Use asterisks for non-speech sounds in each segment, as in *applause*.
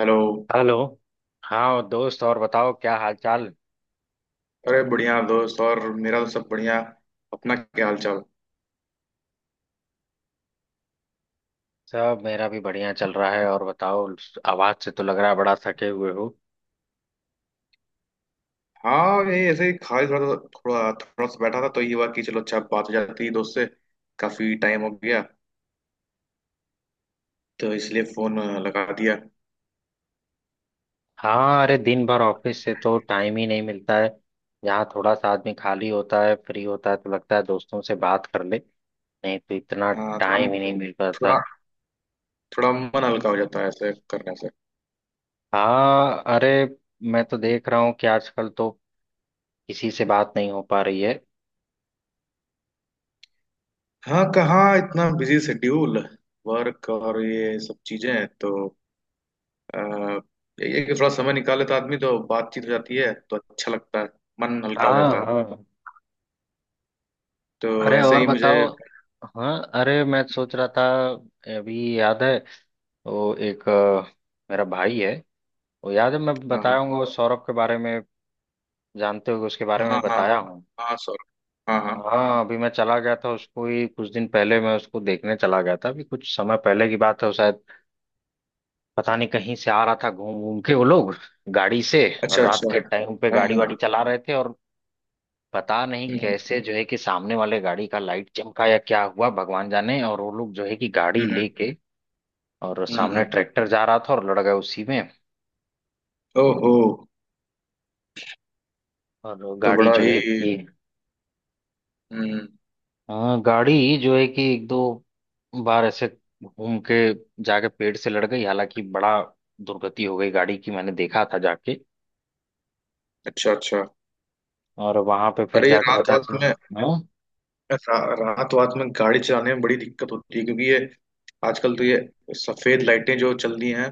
Hello. Hello. हाँ दोस्त, और बताओ क्या हाल चाल? अरे बढ़िया दोस्त। और मेरा तो सब बढ़िया। अपना क्या हाल चाल? सब मेरा भी बढ़िया चल रहा है। और बताओ। आवाज से तो लग रहा है बड़ा थके हुए हो। हाँ ये ऐसे ही खाली थोड़ा थोड़ा थोड़ा सा बैठा था तो ये हुआ कि चलो अच्छा बात हो जाती है दोस्त से। काफी टाइम हो गया तो इसलिए फोन लगा दिया। हाँ, अरे दिन भर ऑफिस से तो टाइम ही नहीं मिलता है। यहाँ थोड़ा सा आदमी खाली होता है, फ्री होता है तो लगता है दोस्तों से बात कर ले। नहीं तो इतना हाँ थोड़ा टाइम ही नहीं मिल पाता थोड़ा है। थोड़ा मन हल्का हो जाता है ऐसे करने से। हाँ, अरे मैं तो देख रहा हूँ कि आजकल तो किसी से बात नहीं हो पा रही है। हाँ कहाँ इतना बिजी शेड्यूल, वर्क और ये सब चीजें हैं, तो आ, यही है कि थोड़ा समय निकाल लेता आदमी तो बातचीत हो जाती है तो अच्छा लगता है। मन हल्का हो जाता हाँ है। हाँ, तो अरे ऐसे और ही मुझे। बताओ। हाँ, अरे मैं सोच रहा था अभी याद है तो एक मेरा भाई है। वो याद है मैं बताया हाँ हूँ वो सौरभ के बारे में। जानते हो उसके बारे में हाँ। हाँ बताया हूँ? हाँ सॉरी। हाँ हाँ। हाँ, अभी मैं चला गया था उसको ही, कुछ दिन पहले मैं उसको देखने चला गया था। अभी कुछ समय पहले की बात है, वो शायद पता नहीं कहीं से आ रहा था, घूम घूम के वो लोग, गाड़ी से। और अच्छा रात अच्छा। के टाइम पे हाँ गाड़ी हाँ। वाड़ी चला रहे थे, और पता नहीं हम्म कैसे जो है कि सामने वाले गाड़ी का लाइट चमका या क्या हुआ भगवान जाने, और वो लोग जो है कि गाड़ी हम्म। लेके, और सामने हम्म। ट्रैक्टर जा रहा था और लड़ गए उसी में। ओहो। और तो गाड़ी बड़ा जो ही। है कि। हम्म। हाँ, गाड़ी जो है कि एक दो बार ऐसे घूम के जाके पेड़ से लड़ गई। हालांकि बड़ा दुर्गति हो गई गाड़ी की, मैंने देखा था जाके। अच्छा अच्छा। और वहां पे फिर अरे ये जाकर रात पता वात चला। में हाँ रात वात में गाड़ी चलाने में बड़ी दिक्कत होती है क्योंकि ये आजकल तो ये सफेद लाइटें जो चल रही हैं,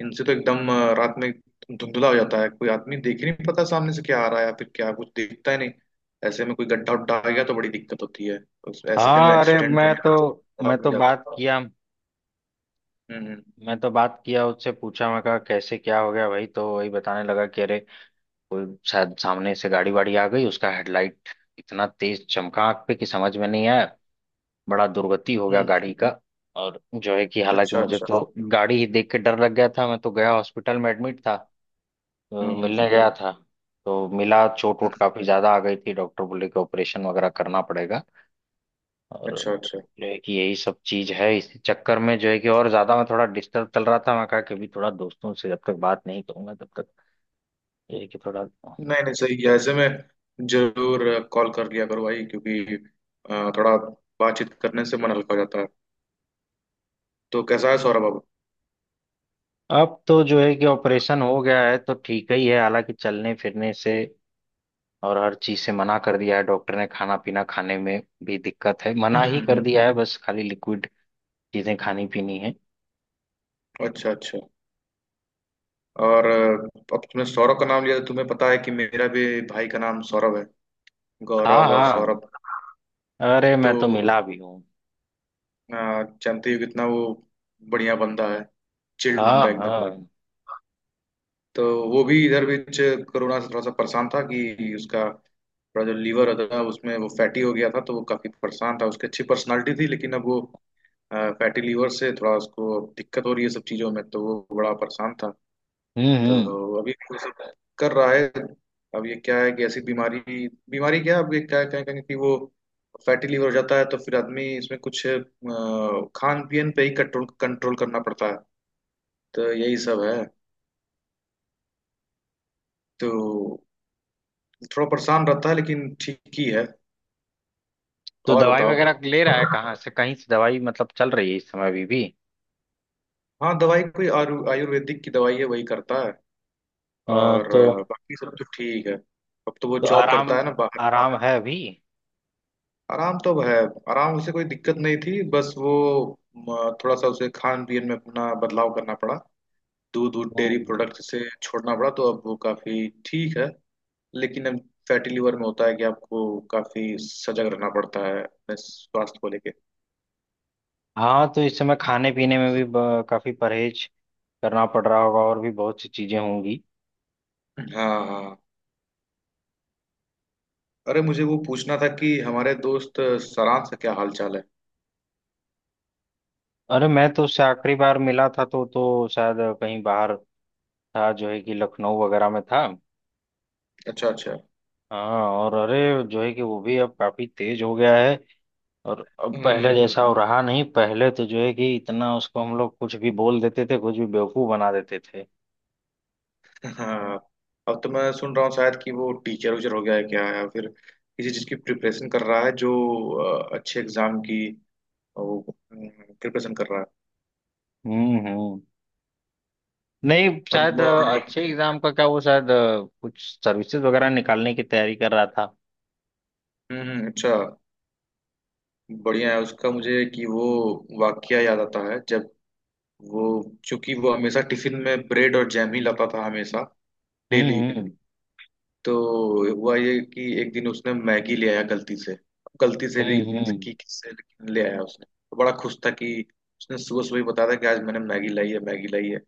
इनसे तो एकदम रात में धुंधला हो जाता है, कोई आदमी देख ही नहीं पता, सामने से क्या आ रहा है या फिर क्या कुछ दिखता ही नहीं। ऐसे में कोई गड्ढा उड्ढा आ गया तो बड़ी दिक्कत होती है। ऐसे में हाँ, अरे एक्सीडेंट मैं होने तो का खतरा मैं बढ़ तो बात जाता है। किया। हम्म। मैं तो बात किया, उससे पूछा मैं कहा कैसे क्या हो गया भाई तो वही बताने लगा कि अरे कोई शायद सामने से गाड़ी वाड़ी आ गई, उसका हेडलाइट इतना तेज चमका आग पे कि समझ में नहीं आया। बड़ा दुर्गति हो गया हम्म। गाड़ी का। और जो है कि हालांकि अच्छा मुझे अच्छा। तो गाड़ी ही देख के डर लग गया था। मैं तो गया, हॉस्पिटल में एडमिट था। तो हम्म मिलने गया था। तो मिला, चोट हम्म, वोट काफी ज्यादा आ गई थी। डॉक्टर बोले कि ऑपरेशन वगैरह करना पड़ेगा। और अच्छा अच्छा। जो है कि यही सब चीज है, इस चक्कर में जो है कि और ज्यादा मैं थोड़ा डिस्टर्ब चल रहा था। मैं कहा कि अभी थोड़ा दोस्तों से जब तक बात नहीं करूंगा तब तक। ये है कि थोड़ा। नहीं नहीं, सही है, ऐसे में जरूर कॉल कर लिया करो भाई क्योंकि थोड़ा बातचीत करने से मन हल्का हो जाता है। तो कैसा है सौरभ अब? अब तो जो है कि ऑपरेशन हो गया है तो ठीक ही है। हालांकि चलने फिरने से और हर चीज से मना कर दिया है डॉक्टर ने। खाना पीना खाने में भी दिक्कत है, मना हम्म ही कर हम्म, दिया है, बस खाली लिक्विड चीजें खानी पीनी है। अच्छा अच्छा। और अब तुमने सौरभ का नाम लिया तो तुम्हें पता है कि मेरा भी भाई का नाम सौरभ है। हाँ गौरव और हाँ, सौरभ। अरे मैं तो तो मिला भी हूँ। अ, जानते ही हो कितना वो बढ़िया बंदा है। चिल्ड हाँ बंदा एकदम। हाँ। तो वो भी इधर बीच कोरोना से थोड़ा सा परेशान था कि उसका थोड़ा जो लीवर होता था उसमें वो फैटी हो गया था, तो वो काफी परेशान था। उसकी अच्छी पर्सनालिटी थी लेकिन अब वो फैटी लीवर से थोड़ा उसको दिक्कत हो रही है सब चीजों में, तो वो बड़ा परेशान था। हम्म। तो अभी वो सब कर रहा है। अब ये क्या है कि ऐसी बीमारी, बीमारी क्या है, अब ये क्या क्या कहेंगे कि वो फैटी लीवर हो जाता है तो फिर आदमी इसमें कुछ खान पीन पे ही कंट्रोल कंट्रोल करना पड़ता है। तो यही सब है। तो थोड़ा परेशान रहता है लेकिन ठीक ही है। तो और दवाई बताओ। वगैरह ले रहा है, कहाँ से कहीं से दवाई मतलब चल रही है इस समय अभी भी हाँ दवाई, कोई आयुर्वेदिक की दवाई है, वही करता है। और तो। बाकी सब तो ठीक है। अब तो वो तो जॉब करता आराम है ना बाहर। आराम है अभी। आराम तो अब है। आराम, उसे कोई दिक्कत नहीं थी, बस वो थोड़ा सा उसे खान पीन में अपना बदलाव करना पड़ा। दूध दूध, डेयरी हम्म। प्रोडक्ट से छोड़ना पड़ा तो अब वो काफी ठीक है। लेकिन अब फैटी लिवर में होता है कि आपको काफी सजग रहना पड़ता है अपने स्वास्थ्य को लेके। हाँ, तो इस समय खाने पीने में भी काफी परहेज करना पड़ रहा होगा। और भी बहुत सी चीजें होंगी। हाँ हाँ। अरे मुझे वो पूछना था कि हमारे दोस्त सरांश का क्या हाल चाल है? अरे मैं तो उससे आखिरी बार मिला था तो शायद कहीं बाहर था, जो है कि लखनऊ वगैरह में था। अच्छा अच्छा। हाँ, और अरे जो है कि वो भी अब काफी तेज हो गया है। और अब हम्म हम्म। पहले जैसा वो रहा नहीं। पहले तो जो है कि इतना उसको हम लोग कुछ भी बोल देते थे, कुछ भी बेवकूफ बना देते थे। हाँ। अब तो मैं सुन रहा हूँ शायद कि वो टीचर उचर हो गया है क्या, या फिर किसी चीज़ की प्रिपरेशन कर रहा है, जो अच्छे एग्जाम की वो प्रिपरेशन कर रहा है। हम्म। नहीं अब शायद अच्छे एग्जाम का क्या, वो शायद कुछ सर्विसेज वगैरह निकालने की तैयारी कर रहा था। अच्छा। बढ़िया है। उसका मुझे कि वो वाकया याद आता है, जब वो, चूंकि वो हमेशा टिफिन में ब्रेड और जैम ही लाता था, हमेशा, डेली। हम्म। तो हुआ ये कि एक दिन उसने मैगी ले आया गलती से। गलती से भी हम्म। की किससे, लेकिन ले आया उसने। तो बड़ा खुश था कि उसने सुबह सुबह ही बताया था कि आज मैंने मैगी लाई है, मैगी लाई है।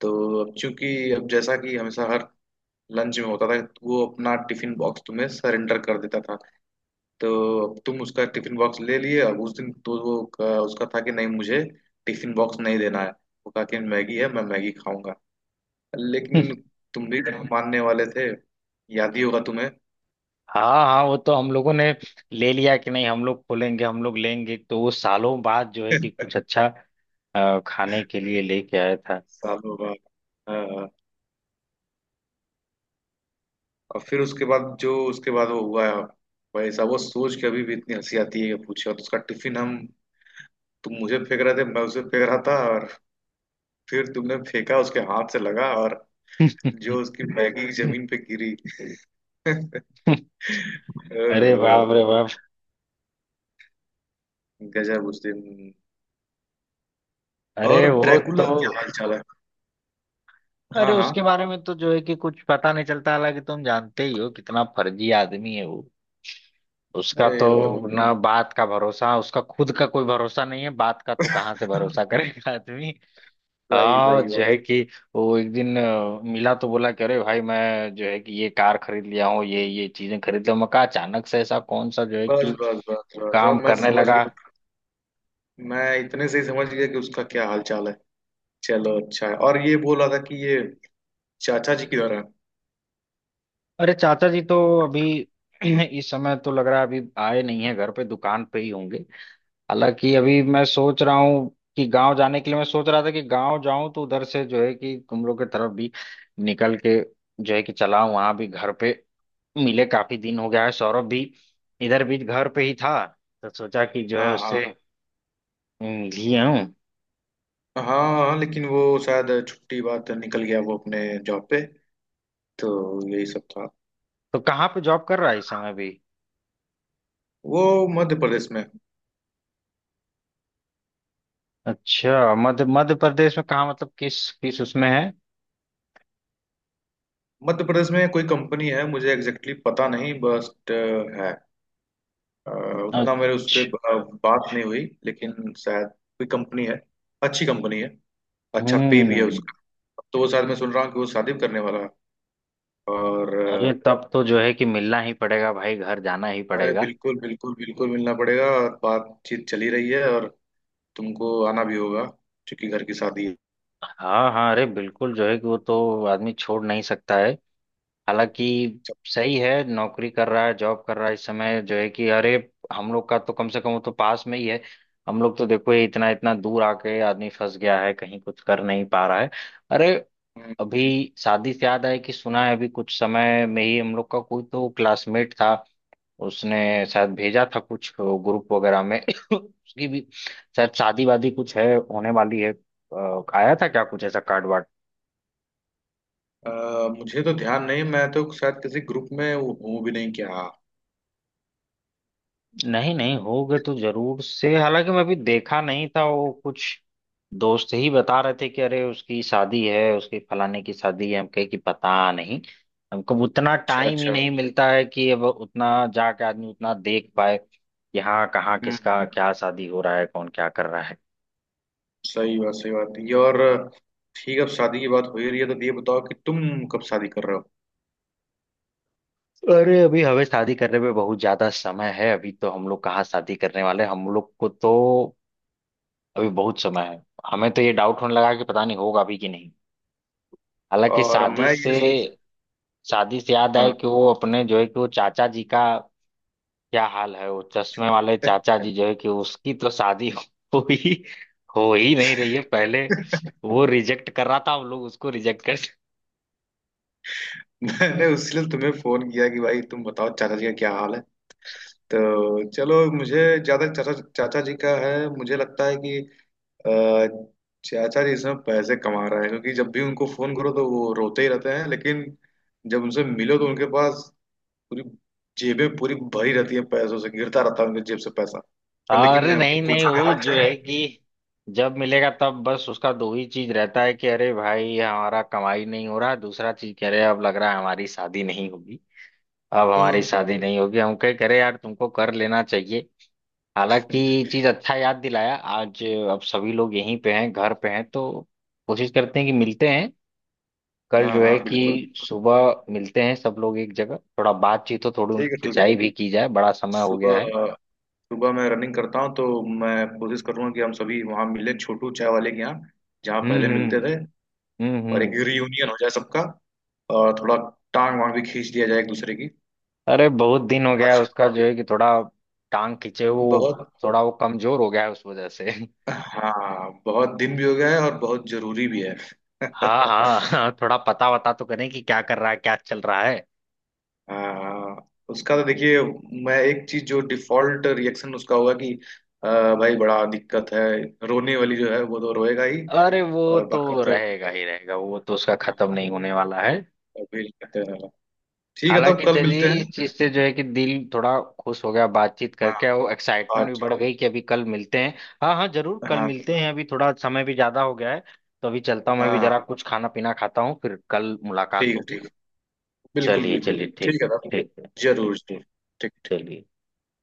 तो अब चूंकि, अब जैसा कि हमेशा हर लंच में होता था, वो अपना टिफिन बॉक्स तुम्हें सरेंडर कर देता था। तो अब तुम उसका टिफिन बॉक्स ले लिए। अब उस दिन तो वो उसका था कि नहीं, मुझे टिफिन बॉक्स नहीं देना है। वो कहा कि मैगी है, मैं मैगी खाऊंगा। लेकिन तुम भी *laughs* मानने वाले थे। याद ही होगा तुम्हें। हाँ हाँ, वो तो हम लोगों ने ले लिया कि नहीं हम लोग खोलेंगे, हम लोग लेंगे। तो वो सालों बाद जो है कि कुछ अच्छा खाने के लिए लेके आया था। सालों बाद। हाँ, और फिर उसके बाद जो, उसके बाद वो हुआ है। भाई साहब वो सोच के अभी भी इतनी हंसी आती है, कि पूछे तो उसका टिफिन हम, तुम मुझे फेंक रहे थे, मैं उसे फेंक रहा था, और फिर तुमने फेंका, उसके हाथ से लगा, और जो उसकी मैगी जमीन पे *laughs* गिरी। *laughs* अरे ओह, बाप रे बाप। गजब उस दिन। अरे और वो ड्रैकुला तो। क्या हाल चाल है? अरे हाँ हाँ। उसके बारे में तो जो है कि कुछ पता नहीं चलता। हालांकि तुम जानते ही हो कितना फर्जी आदमी है वो। उसका अरे वो तो, तो ना बात का भरोसा, उसका खुद का कोई भरोसा नहीं है, बात का तो कहाँ से भरोसा करेगा आदमी। सही हाँ सही जो बात। है कि वो एक दिन मिला तो बोला कि अरे भाई मैं जो है कि ये कार खरीद लिया हूँ, ये चीजें खरीद लिया हूँ। मैं कहा अचानक से ऐसा कौन सा जो है कि बस बस बस बस, अब काम मैं करने समझ लगा। गया। मैं इतने से ही समझ गया कि उसका क्या हाल चाल है। चलो अच्छा है। और ये बोल रहा था कि, ये चाचा जी किधर है? अरे चाचा जी तो अभी *clears throat* इस समय तो लग रहा है अभी आए नहीं है घर पे, दुकान पे ही होंगे। हालांकि अभी मैं सोच रहा हूँ कि गांव जाने के लिए, मैं सोच रहा था कि गांव जाऊं तो उधर से जो है कि तुम लोग की तरफ भी निकल के जो है कि चला वहां भी घर पे मिले, काफी दिन हो गया है। सौरभ भी इधर भी घर पे ही था, तो सोचा कि जो है हाँ हाँ। उससे। लिए हूँ। हाँ हाँ लेकिन वो शायद छुट्टी बाद निकल गया वो, अपने जॉब पे। तो यही सब था। तो कहाँ पे जॉब कर रहा है इस समय भी? वो मध्य प्रदेश में। अच्छा मध्य मध्य प्रदेश में कहाँ, मतलब किस किस उसमें है? मध्य प्रदेश में कोई कंपनी है, मुझे एग्जैक्टली exactly पता नहीं, बस है। अ, उतना मेरे उस पे अच्छा। बात नहीं हुई लेकिन शायद कोई कंपनी है। अच्छी कंपनी है। अच्छा पे भी है हम्म। उसका। तो वो शायद मैं सुन रहा हूँ कि वो शादी भी करने वाला है। और अरे तब तो जो है कि मिलना ही पड़ेगा भाई, घर जाना ही अरे पड़ेगा। बिल्कुल बिल्कुल बिल्कुल मिलना पड़ेगा, और बातचीत चली रही है। और तुमको आना भी होगा क्योंकि घर की शादी है। हाँ हाँ, अरे बिल्कुल जो है कि वो तो आदमी छोड़ नहीं सकता है। हालांकि सही है, नौकरी कर रहा है, जॉब कर रहा है इस समय जो है कि, अरे हम लोग का तो कम से कम वो तो पास में ही है। हम लोग तो देखो ये इतना इतना दूर आके आदमी फंस गया है, कहीं कुछ कर नहीं पा रहा है। अरे हम्म, अभी शादी से याद आए कि सुना है अभी कुछ समय में ही हम लोग का कोई तो क्लासमेट था, उसने शायद भेजा था कुछ ग्रुप वगैरह में *coughs* *laughs* उसकी भी शायद शादी वादी कुछ है, होने वाली है। आया था क्या कुछ ऐसा कार्ड? अ, मुझे तो ध्यान नहीं, मैं तो शायद किसी ग्रुप में हूँ भी नहीं क्या। नहीं नहीं, होगे तो जरूर से। हालांकि मैं भी देखा नहीं था वो, कुछ दोस्त ही बता रहे थे कि अरे उसकी शादी है, उसकी फलाने की शादी है। हम कहे कि पता नहीं। हमको उतना अच्छा टाइम ही अच्छा। नहीं मिलता है कि अब उतना जाके आदमी उतना देख पाए कि हाँ कहाँ हम्म। किसका क्या शादी हो रहा है, कौन क्या कर रहा है। सही बात, सही बात ये, और ठीक है। अब शादी की बात हो ही रही है तो ये बताओ कि तुम कब शादी कर रहे हो? अरे अभी हमें शादी करने में बहुत ज्यादा समय है, अभी तो हम लोग कहाँ शादी करने वाले हैं। हम लोग को तो अभी बहुत समय है। हमें तो ये डाउट होने लगा कि पता नहीं होगा अभी कि नहीं। हालांकि और शादी मैं से ये सोच-। शादी से याद आए हाँ। कि वो अपने जो है कि वो चाचा जी का क्या हाल है, वो चश्मे वाले चाचा जी जो है कि उसकी तो शादी *laughs* हो ही हो ही नहीं रही है पहले। *laughs* वो रिजेक्ट कर रहा था, हम लोग उसको रिजेक्ट कर। मैंने उसलिए तुम्हें फोन किया कि भाई तुम बताओ चाचा जी का क्या हाल है। तो चलो, मुझे ज्यादा, चाचा चाचा जी का है, मुझे लगता है कि अ, चाचा जी इसमें पैसे कमा रहे हैं, क्योंकि जब भी उनको फोन करो तो वो रोते ही रहते हैं, लेकिन जब उनसे मिलो तो उनके पास पूरी, जेबें पूरी भरी रहती है, पैसों से गिरता रहता है उनके जेब से पैसा। *laughs* लेकिन अरे नहीं नहीं, पूछो, क्या वो हाल जो चाल है है? कि जब मिलेगा तब बस उसका दो ही चीज रहता है कि अरे भाई हमारा कमाई नहीं हो रहा है, दूसरा चीज कह रहे अब लग रहा है हमारी शादी नहीं होगी। अब हमारी हम्म। शादी नहीं होगी। हम कह करे यार तुमको कर लेना चाहिए। हालांकि ये चीज अच्छा याद दिलाया आज। अब सभी लोग यहीं पे हैं, घर पे हैं तो कोशिश करते हैं कि मिलते हैं। कल हाँ जो है हाँ, कि बिल्कुल। सुबह मिलते हैं सब लोग एक जगह, थोड़ा बातचीत हो, थोड़ी ठीक उनकी है। ठीक। खिंचाई भी की जाए, बड़ा समय हो गया है। सुबह, सुबह मैं रनिंग करता हूँ, तो मैं कोशिश करूंगा कि हम सभी वहाँ मिलें, छोटू चाय वाले के यहाँ, जहाँ पहले हम्म। मिलते थे। और एक हम्म। रियूनियन हो जाए सबका, और थोड़ा टांग वांग भी खींच दिया जाए एक दूसरे की। अरे बहुत दिन हो गया है उसका जो है कि, थोड़ा टांग खींचे वो। बहुत। थोड़ा वो कमजोर हो गया है उस वजह से। हाँ बहुत दिन भी हो गया है, और बहुत जरूरी भी है। *laughs* हाँ हाँ, *laughs* हाँ, थोड़ा पता वता तो करें कि क्या कर रहा है, क्या चल रहा है। हाँ, उसका तो देखिए, मैं एक चीज, जो डिफॉल्ट रिएक्शन उसका होगा कि अ, भाई बड़ा दिक्कत है। रोने वाली जो है, वो तो रोएगा ही। अरे वो और तो बाकी तो, रहेगा ही रहेगा, वो तो उसका खत्म हाँ, नहीं होने वाला है। और भी करते रहेगा। ठीक है, तब हालांकि कल चलिए मिलते इस हैं। चीज से जो है कि दिल थोड़ा खुश हो गया बातचीत हाँ। करके, और एक्साइटमेंट भी आज। बढ़ गई कि अभी कल मिलते हैं। हाँ हाँ, जरूर कल हाँ मिलते हैं, अभी थोड़ा समय भी ज्यादा हो गया है। तो अभी चलता हूँ, मैं भी हाँ, जरा कुछ खाना पीना खाता हूँ, फिर कल मुलाकात ठीक है होगी। ठीक है, बिल्कुल चलिए बिल्कुल। चलिए, ठीक। ठीक है तब। ठीक है, ठीक। जरूर जरूर। ठीक। ठीक। चलिए।